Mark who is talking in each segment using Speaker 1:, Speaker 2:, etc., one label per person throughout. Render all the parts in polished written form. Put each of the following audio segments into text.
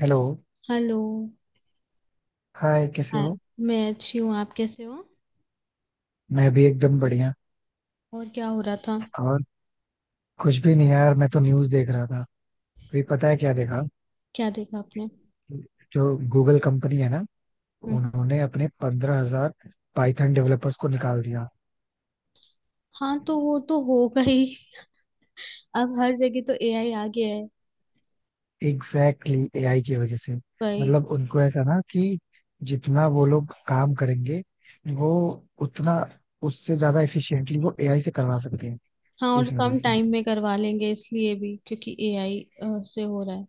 Speaker 1: Hello.
Speaker 2: Hello.
Speaker 1: Hi, कैसे
Speaker 2: हाँ।
Speaker 1: हो?
Speaker 2: मैं अच्छी हूँ। आप कैसे हो?
Speaker 1: मैं भी एकदम बढ़िया.
Speaker 2: और क्या हो रहा था?
Speaker 1: और कुछ भी नहीं यार, मैं तो न्यूज़ देख रहा था. अभी पता है क्या देखा?
Speaker 2: क्या देखा आपने?
Speaker 1: जो गूगल कंपनी है ना,
Speaker 2: हम्म।
Speaker 1: उन्होंने अपने 15,000 पाइथन डेवलपर्स को निकाल दिया.
Speaker 2: हाँ, तो वो तो होगा ही। अब हर जगह तो एआई आ गया है
Speaker 1: एग्जैक्टली, एआई की वजह से.
Speaker 2: भाई।
Speaker 1: मतलब उनको ऐसा, ना कि जितना वो लोग काम करेंगे वो उतना, उससे ज्यादा एफिशिएंटली वो एआई से करवा सकते हैं.
Speaker 2: हाँ, और
Speaker 1: इस वजह
Speaker 2: कम
Speaker 1: से.
Speaker 2: टाइम में करवा लेंगे इसलिए भी क्योंकि एआई से हो रहा है।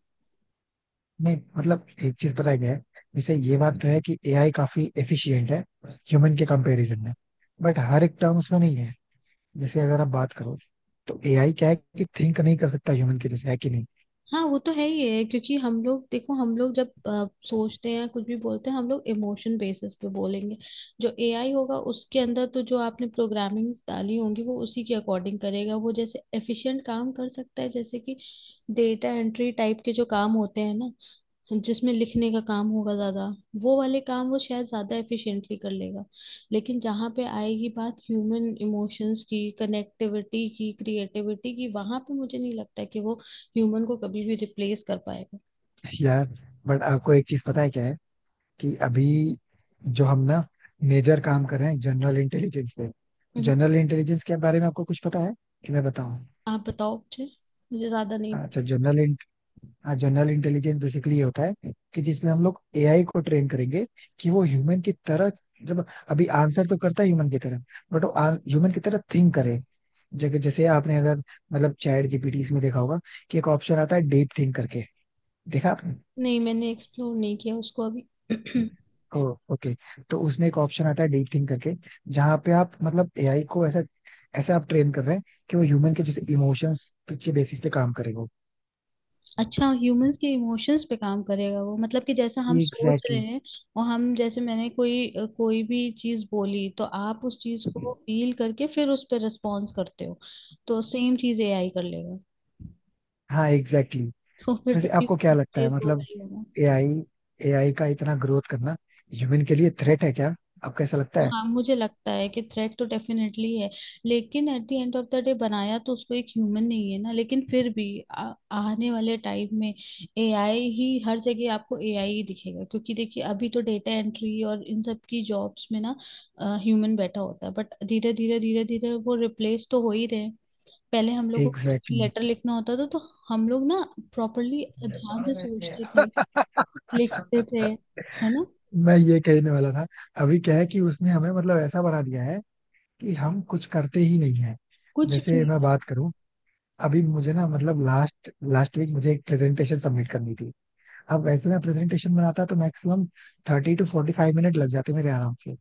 Speaker 1: नहीं, मतलब एक चीज पता है क्या है, जैसे ये बात तो है कि एआई काफी एफिशिएंट है ह्यूमन के कंपैरिजन में, बट हर एक टर्म्स में नहीं है. जैसे अगर आप बात करो, तो एआई क्या है कि थिंक नहीं कर सकता ह्यूमन के जैसे, है कि नहीं?
Speaker 2: हाँ, वो तो है ही है, क्योंकि हम लोग देखो, हम लोग जब सोचते हैं, कुछ भी बोलते हैं, हम लोग इमोशन बेसिस पे बोलेंगे। जो एआई होगा उसके अंदर, तो जो आपने प्रोग्रामिंग डाली होंगी वो उसी के अकॉर्डिंग करेगा। वो जैसे एफिशिएंट काम कर सकता है, जैसे कि डेटा एंट्री टाइप के जो काम होते हैं ना, जिसमें लिखने का काम होगा ज्यादा, वो वाले काम वो शायद ज्यादा एफिशिएंटली कर लेगा। लेकिन जहाँ पे आएगी बात ह्यूमन इमोशंस की, कनेक्टिविटी की, क्रिएटिविटी की, वहां पे मुझे नहीं लगता कि वो ह्यूमन को कभी भी रिप्लेस कर पाएगा।
Speaker 1: यार, बट आपको एक चीज पता है क्या है? कि अभी जो हम ना मेजर काम कर रहे हैं जनरल इंटेलिजेंस पे.
Speaker 2: हम्म।
Speaker 1: जनरल इंटेलिजेंस के बारे में आपको कुछ पता है? कि मैं बताऊं?
Speaker 2: आप बताओ मुझे। मुझे ज्यादा नहीं
Speaker 1: अच्छा,
Speaker 2: पता।
Speaker 1: जनरल, हाँ, जनरल इंटेलिजेंस बेसिकली ये होता है कि जिसमें हम लोग एआई को ट्रेन करेंगे कि वो ह्यूमन की तरह, जब, अभी आंसर तो करता है ह्यूमन की तरह, बट वो ह्यूमन की तरह थिंक करे. जैसे जैसे आपने अगर, मतलब चैट जीपीटी इसमें देखा होगा कि एक ऑप्शन आता है डीप थिंक करके. देखा आपने?
Speaker 2: नहीं, मैंने एक्सप्लोर नहीं किया उसको अभी।
Speaker 1: ओ, ओके. तो उसमें एक ऑप्शन आता है डीप थिंक करके, जहाँ पे आप मतलब एआई को ऐसा ऐसा आप ट्रेन कर रहे हैं कि वो ह्यूमन के जैसे इमोशंस के बेसिस पे काम करे वो.
Speaker 2: अच्छा, ह्यूमंस के इमोशंस पे काम करेगा वो, मतलब कि जैसा हम सोच
Speaker 1: एग्जैक्टली
Speaker 2: रहे
Speaker 1: exactly.
Speaker 2: हैं। और हम जैसे मैंने कोई भी चीज बोली तो आप उस चीज को फील करके फिर उस पर रिस्पॉन्स करते हो, तो सेम चीज एआई कर लेगा।
Speaker 1: हाँ, एग्जैक्टली exactly.
Speaker 2: तो फिर तो
Speaker 1: वैसे आपको क्या लगता है?
Speaker 2: चीज हो
Speaker 1: मतलब
Speaker 2: गई होगा।
Speaker 1: एआई, एआई का इतना ग्रोथ करना ह्यूमन के लिए थ्रेट है क्या? आपको ऐसा लगता है?
Speaker 2: हाँ, मुझे लगता है कि थ्रेट तो डेफिनेटली है, लेकिन at the end of the day बनाया तो उसको एक ह्यूमन नहीं है ना। लेकिन फिर भी आने वाले टाइम में एआई ही हर जगह, आपको एआई ही दिखेगा, क्योंकि देखिए, अभी तो डेटा एंट्री और इन सब की जॉब्स में ना ह्यूमन बैठा होता है, बट धीरे धीरे धीरे धीरे वो रिप्लेस तो हो ही रहे हैं। पहले हम लोग को कुछ
Speaker 1: एग्जैक्टली exactly.
Speaker 2: लेटर लिखना होता था, तो हम लोग ना प्रॉपरली ध्यान से सोचते थे, लिखते थे, है ना?
Speaker 1: मैं ये कहने वाला था. अभी क्या है कि उसने हमें मतलब ऐसा बना दिया है कि हम कुछ करते ही नहीं है.
Speaker 2: कुछ भी
Speaker 1: जैसे
Speaker 2: नहीं।
Speaker 1: मैं बात करूं, अभी मुझे ना, मतलब लास्ट लास्ट वीक मुझे एक प्रेजेंटेशन सबमिट करनी थी. अब वैसे मैं प्रेजेंटेशन बनाता तो मैक्सिमम 30 to 45 मिनट लग जाते मेरे आराम से.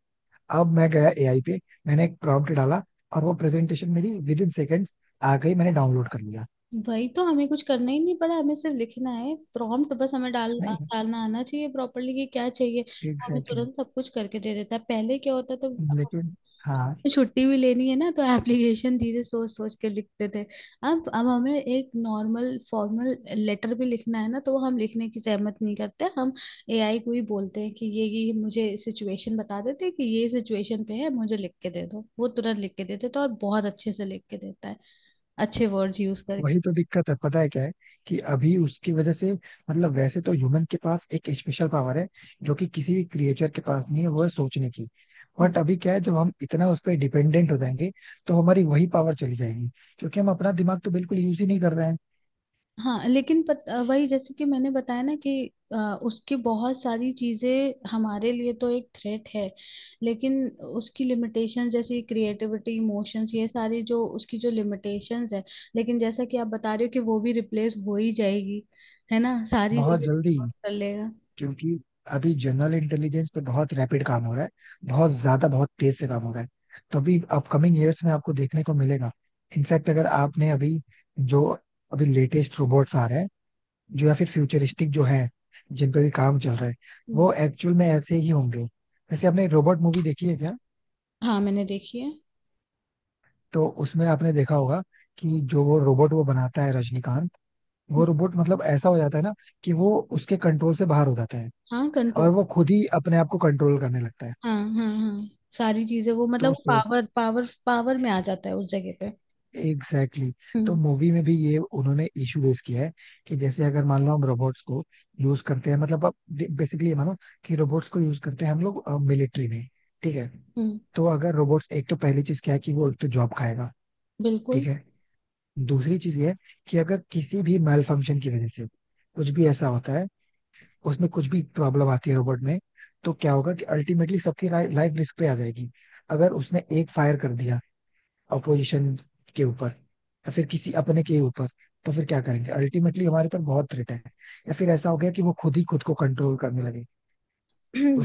Speaker 1: अब मैं गया एआई पे, मैंने एक प्रॉम्प्ट डाला, और वो प्रेजेंटेशन मेरी विद इन सेकेंड्स आ गई, मैंने डाउनलोड कर लिया.
Speaker 2: वही तो, हमें कुछ करना ही नहीं पड़ा। हमें सिर्फ लिखना है प्रॉम्प्ट, बस हमें
Speaker 1: नहीं,
Speaker 2: डालना आना चाहिए प्रॉपरली कि क्या चाहिए, वो हमें
Speaker 1: एग्जैक्टली
Speaker 2: तुरंत सब कुछ करके दे देता है। पहले क्या होता था,
Speaker 1: exactly.
Speaker 2: तो
Speaker 1: लेकिन, हाँ,
Speaker 2: छुट्टी भी लेनी है ना, तो एप्लीकेशन धीरे सोच सोच के लिखते थे। अब हमें एक नॉर्मल फॉर्मल लेटर भी लिखना है ना, तो वो हम लिखने की सहमत नहीं करते हम। एआई को ही बोलते हैं कि ये मुझे सिचुएशन बता देते हैं कि ये सिचुएशन पे है, मुझे लिख के दे दो। वो तुरंत लिख के देते तो, और बहुत अच्छे से लिख के देता है, अच्छे वर्ड्स यूज
Speaker 1: वही
Speaker 2: करके।
Speaker 1: तो दिक्कत है, पता है क्या है? कि अभी उसकी वजह से, मतलब वैसे तो ह्यूमन के पास एक स्पेशल पावर है जो कि किसी भी क्रिएचर के पास नहीं है, वो है सोचने की. बट अभी क्या है, जब हम इतना उस पर डिपेंडेंट हो जाएंगे, तो हमारी वही पावर चली जाएगी, क्योंकि हम अपना दिमाग तो बिल्कुल यूज ही नहीं कर रहे हैं.
Speaker 2: हाँ, लेकिन वही जैसे कि मैंने बताया ना कि अ, उसकी बहुत सारी चीजें हमारे लिए तो एक थ्रेट है। लेकिन उसकी लिमिटेशन जैसे क्रिएटिविटी, इमोशंस, ये सारी जो उसकी जो लिमिटेशंस है, लेकिन जैसा कि आप बता रहे हो कि वो भी रिप्लेस हो ही जाएगी, है ना? सारी
Speaker 1: बहुत
Speaker 2: जगह
Speaker 1: जल्दी,
Speaker 2: रिप्लेस कर लेगा।
Speaker 1: क्योंकि अभी जनरल इंटेलिजेंस पे बहुत रैपिड काम हो रहा है, बहुत ज्यादा, बहुत तेज से काम हो रहा है. तो अभी अपकमिंग ईयर्स में आपको देखने को मिलेगा. इनफैक्ट अगर आपने अभी, जो, अभी लेटेस्ट रोबोट्स आ रहे हैं, जो या फिर फ्यूचरिस्टिक जो है, जिन पे भी काम चल रहा है,
Speaker 2: हम्म।
Speaker 1: वो एक्चुअल में ऐसे ही होंगे. वैसे आपने रोबोट मूवी देखी है क्या?
Speaker 2: हाँ, मैंने देखी है।
Speaker 1: तो उसमें आपने देखा होगा कि जो वो रोबोट वो बनाता है रजनीकांत, वो
Speaker 2: हम्म।
Speaker 1: रोबोट मतलब ऐसा हो जाता है ना कि वो उसके कंट्रोल से बाहर हो जाता है
Speaker 2: हाँ,
Speaker 1: और
Speaker 2: कंट्रोल।
Speaker 1: वो खुद ही अपने आप को कंट्रोल करने लगता है.
Speaker 2: हाँ, हाँ, हाँ, सारी चीजें वो
Speaker 1: तो
Speaker 2: मतलब पावर पावर पावर में आ जाता है उस जगह पे।
Speaker 1: Exactly exactly. तो
Speaker 2: हम्म।
Speaker 1: मूवी में भी ये उन्होंने इशू रेस किया है कि जैसे अगर मान लो हम रोबोट्स को यूज करते हैं, मतलब आप बेसिकली ये मानो कि रोबोट्स को यूज करते हैं हम लोग मिलिट्री में, ठीक है?
Speaker 2: हम्म।
Speaker 1: तो अगर रोबोट्स, एक तो पहली चीज क्या है कि वो एक तो जॉब खाएगा, ठीक
Speaker 2: बिल्कुल।
Speaker 1: है. दूसरी चीज ये है कि अगर किसी भी मैल फंक्शन की वजह से कुछ भी ऐसा होता है, उसमें कुछ भी प्रॉब्लम आती है रोबोट में, तो क्या होगा कि अल्टीमेटली सबकी लाइफ रिस्क पे आ जाएगी. अगर उसने एक फायर कर दिया अपोजिशन के ऊपर या फिर किसी अपने के ऊपर, तो फिर क्या करेंगे? अल्टीमेटली हमारे पर बहुत थ्रेट है. या फिर ऐसा हो गया कि वो खुद ही खुद को कंट्रोल करने लगे,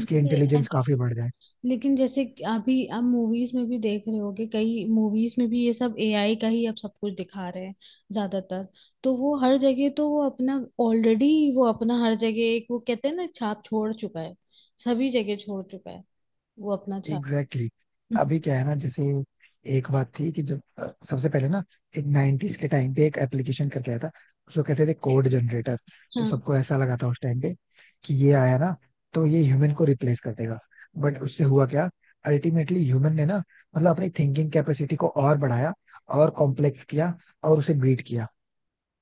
Speaker 1: उसकी इंटेलिजेंस काफी बढ़ जाए.
Speaker 2: लेकिन जैसे कि अभी आप मूवीज में भी देख रहे होगे, कई मूवीज में भी ये सब एआई का ही अब सब कुछ दिखा रहे हैं, ज्यादातर। तो वो हर जगह, तो वो अपना ऑलरेडी, वो अपना हर जगह एक, वो कहते हैं ना, छाप छोड़ चुका है, सभी जगह छोड़ चुका है वो अपना छाप।
Speaker 1: Exactly exactly.
Speaker 2: हम्म।
Speaker 1: अभी क्या है ना, जैसे, एक बात थी कि जब सबसे पहले ना, एक 90s के टाइम पे एक एप्लीकेशन करके आया था, उसको कहते थे कोड जनरेटर. तो
Speaker 2: हाँ।
Speaker 1: सबको ऐसा लगा था उस टाइम पे कि ये आया ना, तो ये ह्यूमन को रिप्लेस कर देगा. बट उससे हुआ क्या? अल्टीमेटली ह्यूमन ने ना, मतलब अपनी थिंकिंग कैपेसिटी को और बढ़ाया और कॉम्प्लेक्स किया और उसे बीट किया,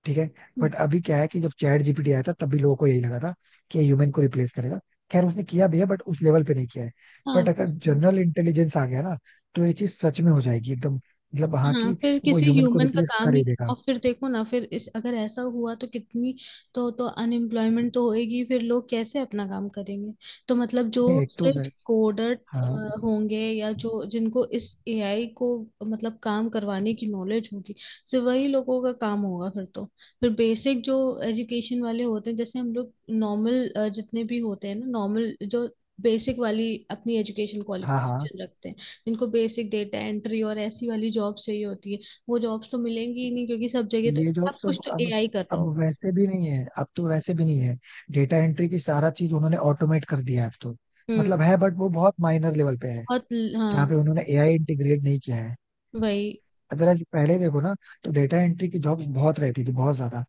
Speaker 1: ठीक है.
Speaker 2: हम्म।
Speaker 1: बट अभी क्या है कि जब चैट जीपीटी आया था तब भी लोगों को यही लगा था कि ये ह्यूमन को रिप्लेस करेगा. खैर, उसने किया भी है, बट उस लेवल पे नहीं किया है.
Speaker 2: हाँ।
Speaker 1: बट अगर जनरल इंटेलिजेंस आ गया ना, तो ये चीज सच में हो जाएगी, एकदम, मतलब हाँ
Speaker 2: हाँ,
Speaker 1: कि
Speaker 2: फिर
Speaker 1: वो
Speaker 2: किसी
Speaker 1: ह्यूमन को
Speaker 2: ह्यूमन का
Speaker 1: रिप्लेस
Speaker 2: काम
Speaker 1: कर
Speaker 2: नहीं।
Speaker 1: ही देगा.
Speaker 2: और फिर देखो ना, फिर इस अगर ऐसा हुआ तो कितनी, तो अनएम्प्लॉयमेंट तो होएगी। फिर लोग कैसे अपना काम करेंगे, तो मतलब जो
Speaker 1: नहीं, एक तो
Speaker 2: सिर्फ
Speaker 1: वैसे,
Speaker 2: कोडर
Speaker 1: हाँ,
Speaker 2: होंगे, या जो जिनको इस एआई को मतलब काम करवाने की नॉलेज होगी, सिर्फ वही लोगों का काम होगा फिर तो। फिर बेसिक जो एजुकेशन वाले होते हैं जैसे हम लोग, नॉर्मल जितने भी होते हैं ना, नॉर्मल जो बेसिक वाली अपनी एजुकेशन
Speaker 1: हाँ, हाँ.
Speaker 2: क्वालिफिकेशन रखते हैं, जिनको बेसिक डेटा एंट्री और ऐसी वाली जॉब चाहिए होती है, वो जॉब्स तो मिलेंगी ही नहीं, क्योंकि सब जगह तो
Speaker 1: ये जॉब
Speaker 2: सब कुछ
Speaker 1: सब
Speaker 2: तो
Speaker 1: अब
Speaker 2: एआई कर रहा
Speaker 1: अब
Speaker 2: होगा।
Speaker 1: वैसे भी नहीं है, अब तो वैसे भी नहीं है. डेटा एंट्री की सारा चीज उन्होंने ऑटोमेट कर दिया है अब तो.
Speaker 2: हम्म।
Speaker 1: मतलब है, बट वो बहुत माइनर लेवल पे है,
Speaker 2: बहुत।
Speaker 1: जहाँ
Speaker 2: हाँ।
Speaker 1: पे उन्होंने एआई इंटीग्रेट नहीं किया है.
Speaker 2: वही।
Speaker 1: अगर आज पहले देखो ना, तो डेटा एंट्री की जॉब्स बहुत रहती थी, बहुत ज्यादा.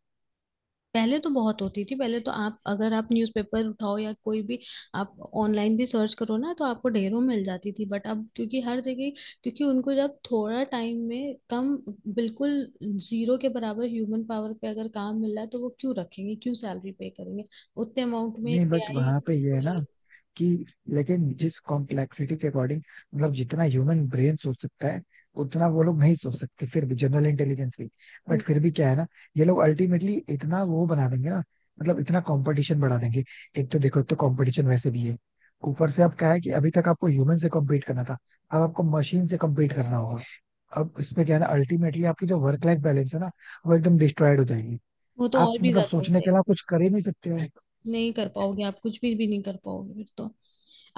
Speaker 2: पहले तो बहुत होती थी। पहले तो आप अगर आप न्यूज़पेपर उठाओ या कोई भी, आप ऑनलाइन भी सर्च करो ना, तो आपको ढेरों मिल जाती थी। बट अब क्योंकि हर जगह, क्योंकि उनको जब थोड़ा टाइम में कम, बिल्कुल जीरो के बराबर ह्यूमन पावर पे अगर काम मिल रहा है तो वो क्यों रखेंगे, क्यों सैलरी पे करेंगे उतने अमाउंट में
Speaker 1: नहीं बट
Speaker 2: एआई।
Speaker 1: वहां पे ये है ना, कि लेकिन जिस कॉम्प्लेक्सिटी के अकॉर्डिंग, मतलब जितना ह्यूमन ब्रेन सोच सकता है, उतना वो लोग नहीं सोच सकते फिर भी, जनरल इंटेलिजेंस भी. बट फिर भी क्या है ना, ये लोग अल्टीमेटली इतना वो बना देंगे ना, मतलब इतना कंपटीशन बढ़ा देंगे. एक तो देखो, एक तो कंपटीशन वैसे भी है, ऊपर से अब क्या है कि अभी तक आपको ह्यूमन से कम्पीट करना था, अब आपको मशीन से कम्पीट करना होगा. अब इसमें क्या है ना, अल्टीमेटली आपकी जो वर्क लाइफ बैलेंस है ना, वो एकदम डिस्ट्रॉयड हो जाएगी.
Speaker 2: वो तो
Speaker 1: आप
Speaker 2: और भी
Speaker 1: मतलब
Speaker 2: ज्यादा हो
Speaker 1: सोचने के
Speaker 2: जाएगी।
Speaker 1: अलावा कुछ कर ही नहीं सकते हो.
Speaker 2: नहीं कर पाओगे, आप कुछ भी नहीं कर पाओगे फिर तो।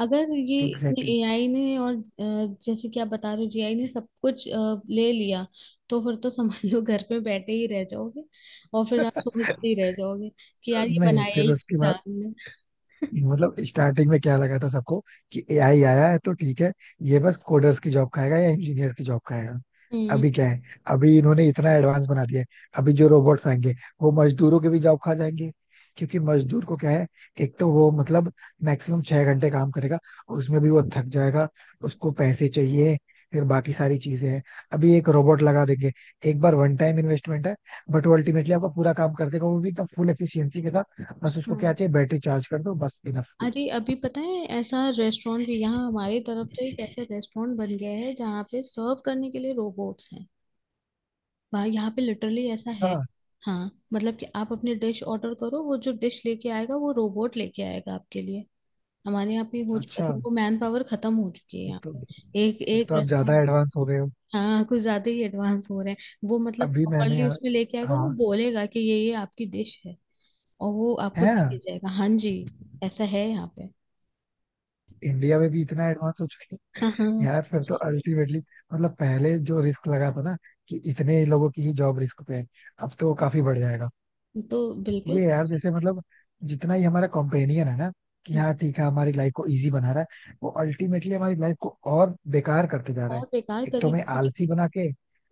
Speaker 2: अगर ये इसमें
Speaker 1: एग्जैक्टली
Speaker 2: एआई ने और जैसे कि आप बता रहे हो जीआई ने सब कुछ ले लिया, तो फिर तो समझ लो घर पे बैठे ही रह जाओगे। और फिर आप सोचते ही रह जाओगे कि यार
Speaker 1: exactly.
Speaker 2: ये
Speaker 1: नहीं,
Speaker 2: बनाया
Speaker 1: फिर
Speaker 2: ही क्यों
Speaker 1: उसके
Speaker 2: था
Speaker 1: बाद,
Speaker 2: हमने।
Speaker 1: मतलब स्टार्टिंग में क्या लगा था सबको कि एआई आया है तो ठीक है, ये बस कोडर्स की जॉब खाएगा या इंजीनियर की जॉब खाएगा.
Speaker 2: हम्म।
Speaker 1: अभी क्या है, अभी इन्होंने इतना एडवांस बना दिया है. अभी जो रोबोट्स आएंगे, वो मजदूरों के भी जॉब खा जाएंगे. क्योंकि मजदूर को क्या है, एक तो वो मतलब मैक्सिमम 6 घंटे काम करेगा, उसमें भी वो थक जाएगा, उसको पैसे चाहिए, फिर बाकी सारी चीजें हैं. अभी एक रोबोट लगा देंगे, एक बार वन टाइम इन्वेस्टमेंट है, बट वो अल्टीमेटली आपका पूरा काम कर देगा, वो भी एकदम फुल एफिशिएंसी के साथ. बस उसको क्या
Speaker 2: हाँ।
Speaker 1: चाहिए, बैटरी चार्ज कर दो, बस, इनफ.
Speaker 2: अरे, अभी पता है, ऐसा रेस्टोरेंट भी, यहाँ हमारे तरफ तो एक ऐसा रेस्टोरेंट बन गया है जहाँ पे सर्व करने के लिए रोबोट्स हैं। वहाँ, यहाँ पे लिटरली ऐसा है।
Speaker 1: अच्छा.
Speaker 2: हाँ, मतलब कि आप अपनी डिश ऑर्डर करो, वो जो डिश लेके आएगा वो रोबोट लेके आएगा आपके लिए। हमारे यहाँ पे हो चुका
Speaker 1: अच्छा,
Speaker 2: है, तो मैन पावर खत्म हो चुकी है
Speaker 1: एक
Speaker 2: यहाँ
Speaker 1: तो
Speaker 2: पे, एक
Speaker 1: एक
Speaker 2: एक
Speaker 1: तो आप ज्यादा
Speaker 2: रेस्टोरेंट।
Speaker 1: एडवांस हो गए हो.
Speaker 2: हाँ, कुछ ज्यादा ही एडवांस हो रहे हैं वो, मतलब
Speaker 1: अभी मैंने
Speaker 2: प्रॉपरली
Speaker 1: यार,
Speaker 2: उसमें लेके आएगा, वो
Speaker 1: हाँ,
Speaker 2: बोलेगा कि ये आपकी डिश है। और वो आपको देके
Speaker 1: है,
Speaker 2: जाएगा। हाँ जी। ऐसा है यहाँ पे।
Speaker 1: इंडिया में भी इतना एडवांस हो चुके हैं.
Speaker 2: हाँ, हाँ।
Speaker 1: यार फिर तो अल्टीमेटली, मतलब पहले जो रिस्क लगा था ना कि इतने लोगों की ही जॉब रिस्क पे है, अब तो वो काफी बढ़ जाएगा.
Speaker 2: तो बिल्कुल।
Speaker 1: ये यार जैसे, मतलब जितना ही हमारा कॉम्पेनियन है ना, कि हाँ ठीक है हमारी लाइफ को इजी बना रहा है, वो अल्टीमेटली हमारी लाइफ को और बेकार करते जा रहा है.
Speaker 2: बहुत बेकार
Speaker 1: एक तो
Speaker 2: करी।
Speaker 1: हमें आलसी बना के,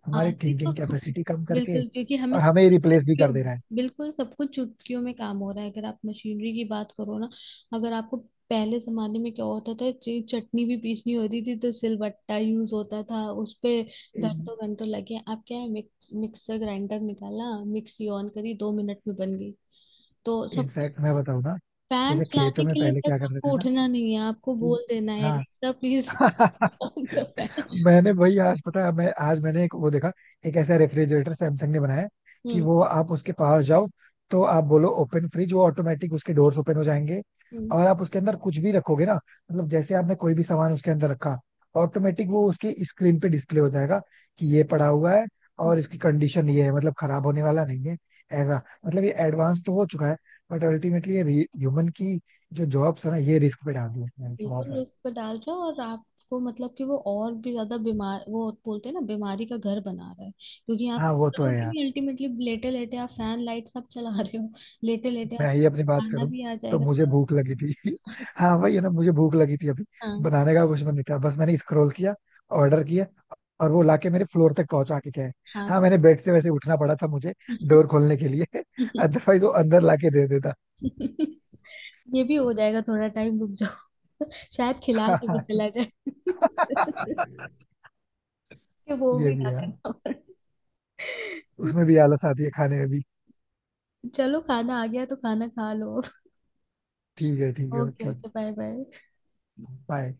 Speaker 1: हमारी
Speaker 2: आती तो।
Speaker 1: थिंकिंग कैपेसिटी कम करके,
Speaker 2: बिल्कुल, क्योंकि हमें
Speaker 1: और हमें रिप्लेस भी
Speaker 2: चुटकियों,
Speaker 1: कर दे रहा है.
Speaker 2: बिल्कुल सब कुछ चुटकियों में काम हो रहा है। अगर आप मशीनरी की बात करो ना, अगर आपको, पहले जमाने में क्या होता था, चटनी भी पीसनी होती थी तो सिलबट्टा यूज होता था उस पे।
Speaker 1: इन
Speaker 2: घंटों घंटों लगे। आप क्या है, मिक्सर ग्राइंडर निकाला, मिक्सी ऑन करी, 2 मिनट में बन गई। तो सब कुछ।
Speaker 1: इनफैक्ट मैं बताऊँ ना,
Speaker 2: पैन
Speaker 1: जैसे
Speaker 2: चलाने
Speaker 1: खेतों में
Speaker 2: के लिए
Speaker 1: पहले
Speaker 2: तक
Speaker 1: क्या करते
Speaker 2: आपको
Speaker 1: थे ना,
Speaker 2: उठना नहीं है, आपको
Speaker 1: कि,
Speaker 2: बोल देना है, एलेक्सा प्लीज
Speaker 1: हाँ
Speaker 2: ऑन द फैन।
Speaker 1: मैंने वही आज, पता है, मैं आज मैंने एक वो देखा, एक ऐसा रेफ्रिजरेटर सैमसंग ने बनाया है कि वो, आप उसके पास जाओ तो आप बोलो ओपन फ्रिज, वो ऑटोमेटिक उसके डोर्स ओपन हो जाएंगे.
Speaker 2: हम्म। हम्म।
Speaker 1: और आप उसके अंदर कुछ भी रखोगे ना, मतलब जैसे आपने कोई भी सामान उसके अंदर रखा, ऑटोमेटिक वो उसकी स्क्रीन पे डिस्प्ले हो जाएगा कि ये पड़ा हुआ है और इसकी कंडीशन ये है, मतलब खराब होने वाला नहीं है. ऐसा, मतलब ये एडवांस तो हो चुका है, बट अल्टीमेटली ये ह्यूमन की जो जॉब्स है ना, ये रिस्क पे डाल दी है इसने, बहुत
Speaker 2: बिल्कुल
Speaker 1: सारा.
Speaker 2: रिस्क पे डाल रहा है, और आपको मतलब कि वो और भी ज्यादा बीमार, वो बोलते हैं ना, बीमारी का घर बना रहा है, क्योंकि आप
Speaker 1: हाँ वो तो है
Speaker 2: करोगे
Speaker 1: यार.
Speaker 2: नहीं अल्टीमेटली। लेटे लेटे आप फैन, लाइट सब चला रहे हो। लेटे लेटे आप।
Speaker 1: मैं ही अपनी बात
Speaker 2: खाना
Speaker 1: करूं,
Speaker 2: भी आ
Speaker 1: तो
Speaker 2: जाएगा
Speaker 1: मुझे
Speaker 2: थोड़ा।
Speaker 1: भूख लगी थी हाँ वही है ना, मुझे भूख लगी थी अभी,
Speaker 2: हाँ,
Speaker 1: बनाने का कुछ मन नहीं था, बस मैंने स्क्रॉल किया, ऑर्डर किया, और वो लाके मेरे फ्लोर तक पहुंचा के गए.
Speaker 2: हाँ।
Speaker 1: हाँ, मैंने बेड से वैसे उठना पड़ा था मुझे डोर खोलने के लिए अदरवाइज वो अंदर लाके दे देता
Speaker 2: ये भी हो जाएगा, थोड़ा टाइम रुक जाओ। शायद खिला के भी चला जाए। कि वो
Speaker 1: ये
Speaker 2: भी
Speaker 1: भी
Speaker 2: ना
Speaker 1: है,
Speaker 2: करना पड़े।
Speaker 1: उसमें भी आलस आती है खाने में भी.
Speaker 2: चलो, खाना आ गया तो खाना खा लो।
Speaker 1: ठीक है, ठीक है,
Speaker 2: okay,
Speaker 1: okay,
Speaker 2: okay. Bye, bye.
Speaker 1: Bye.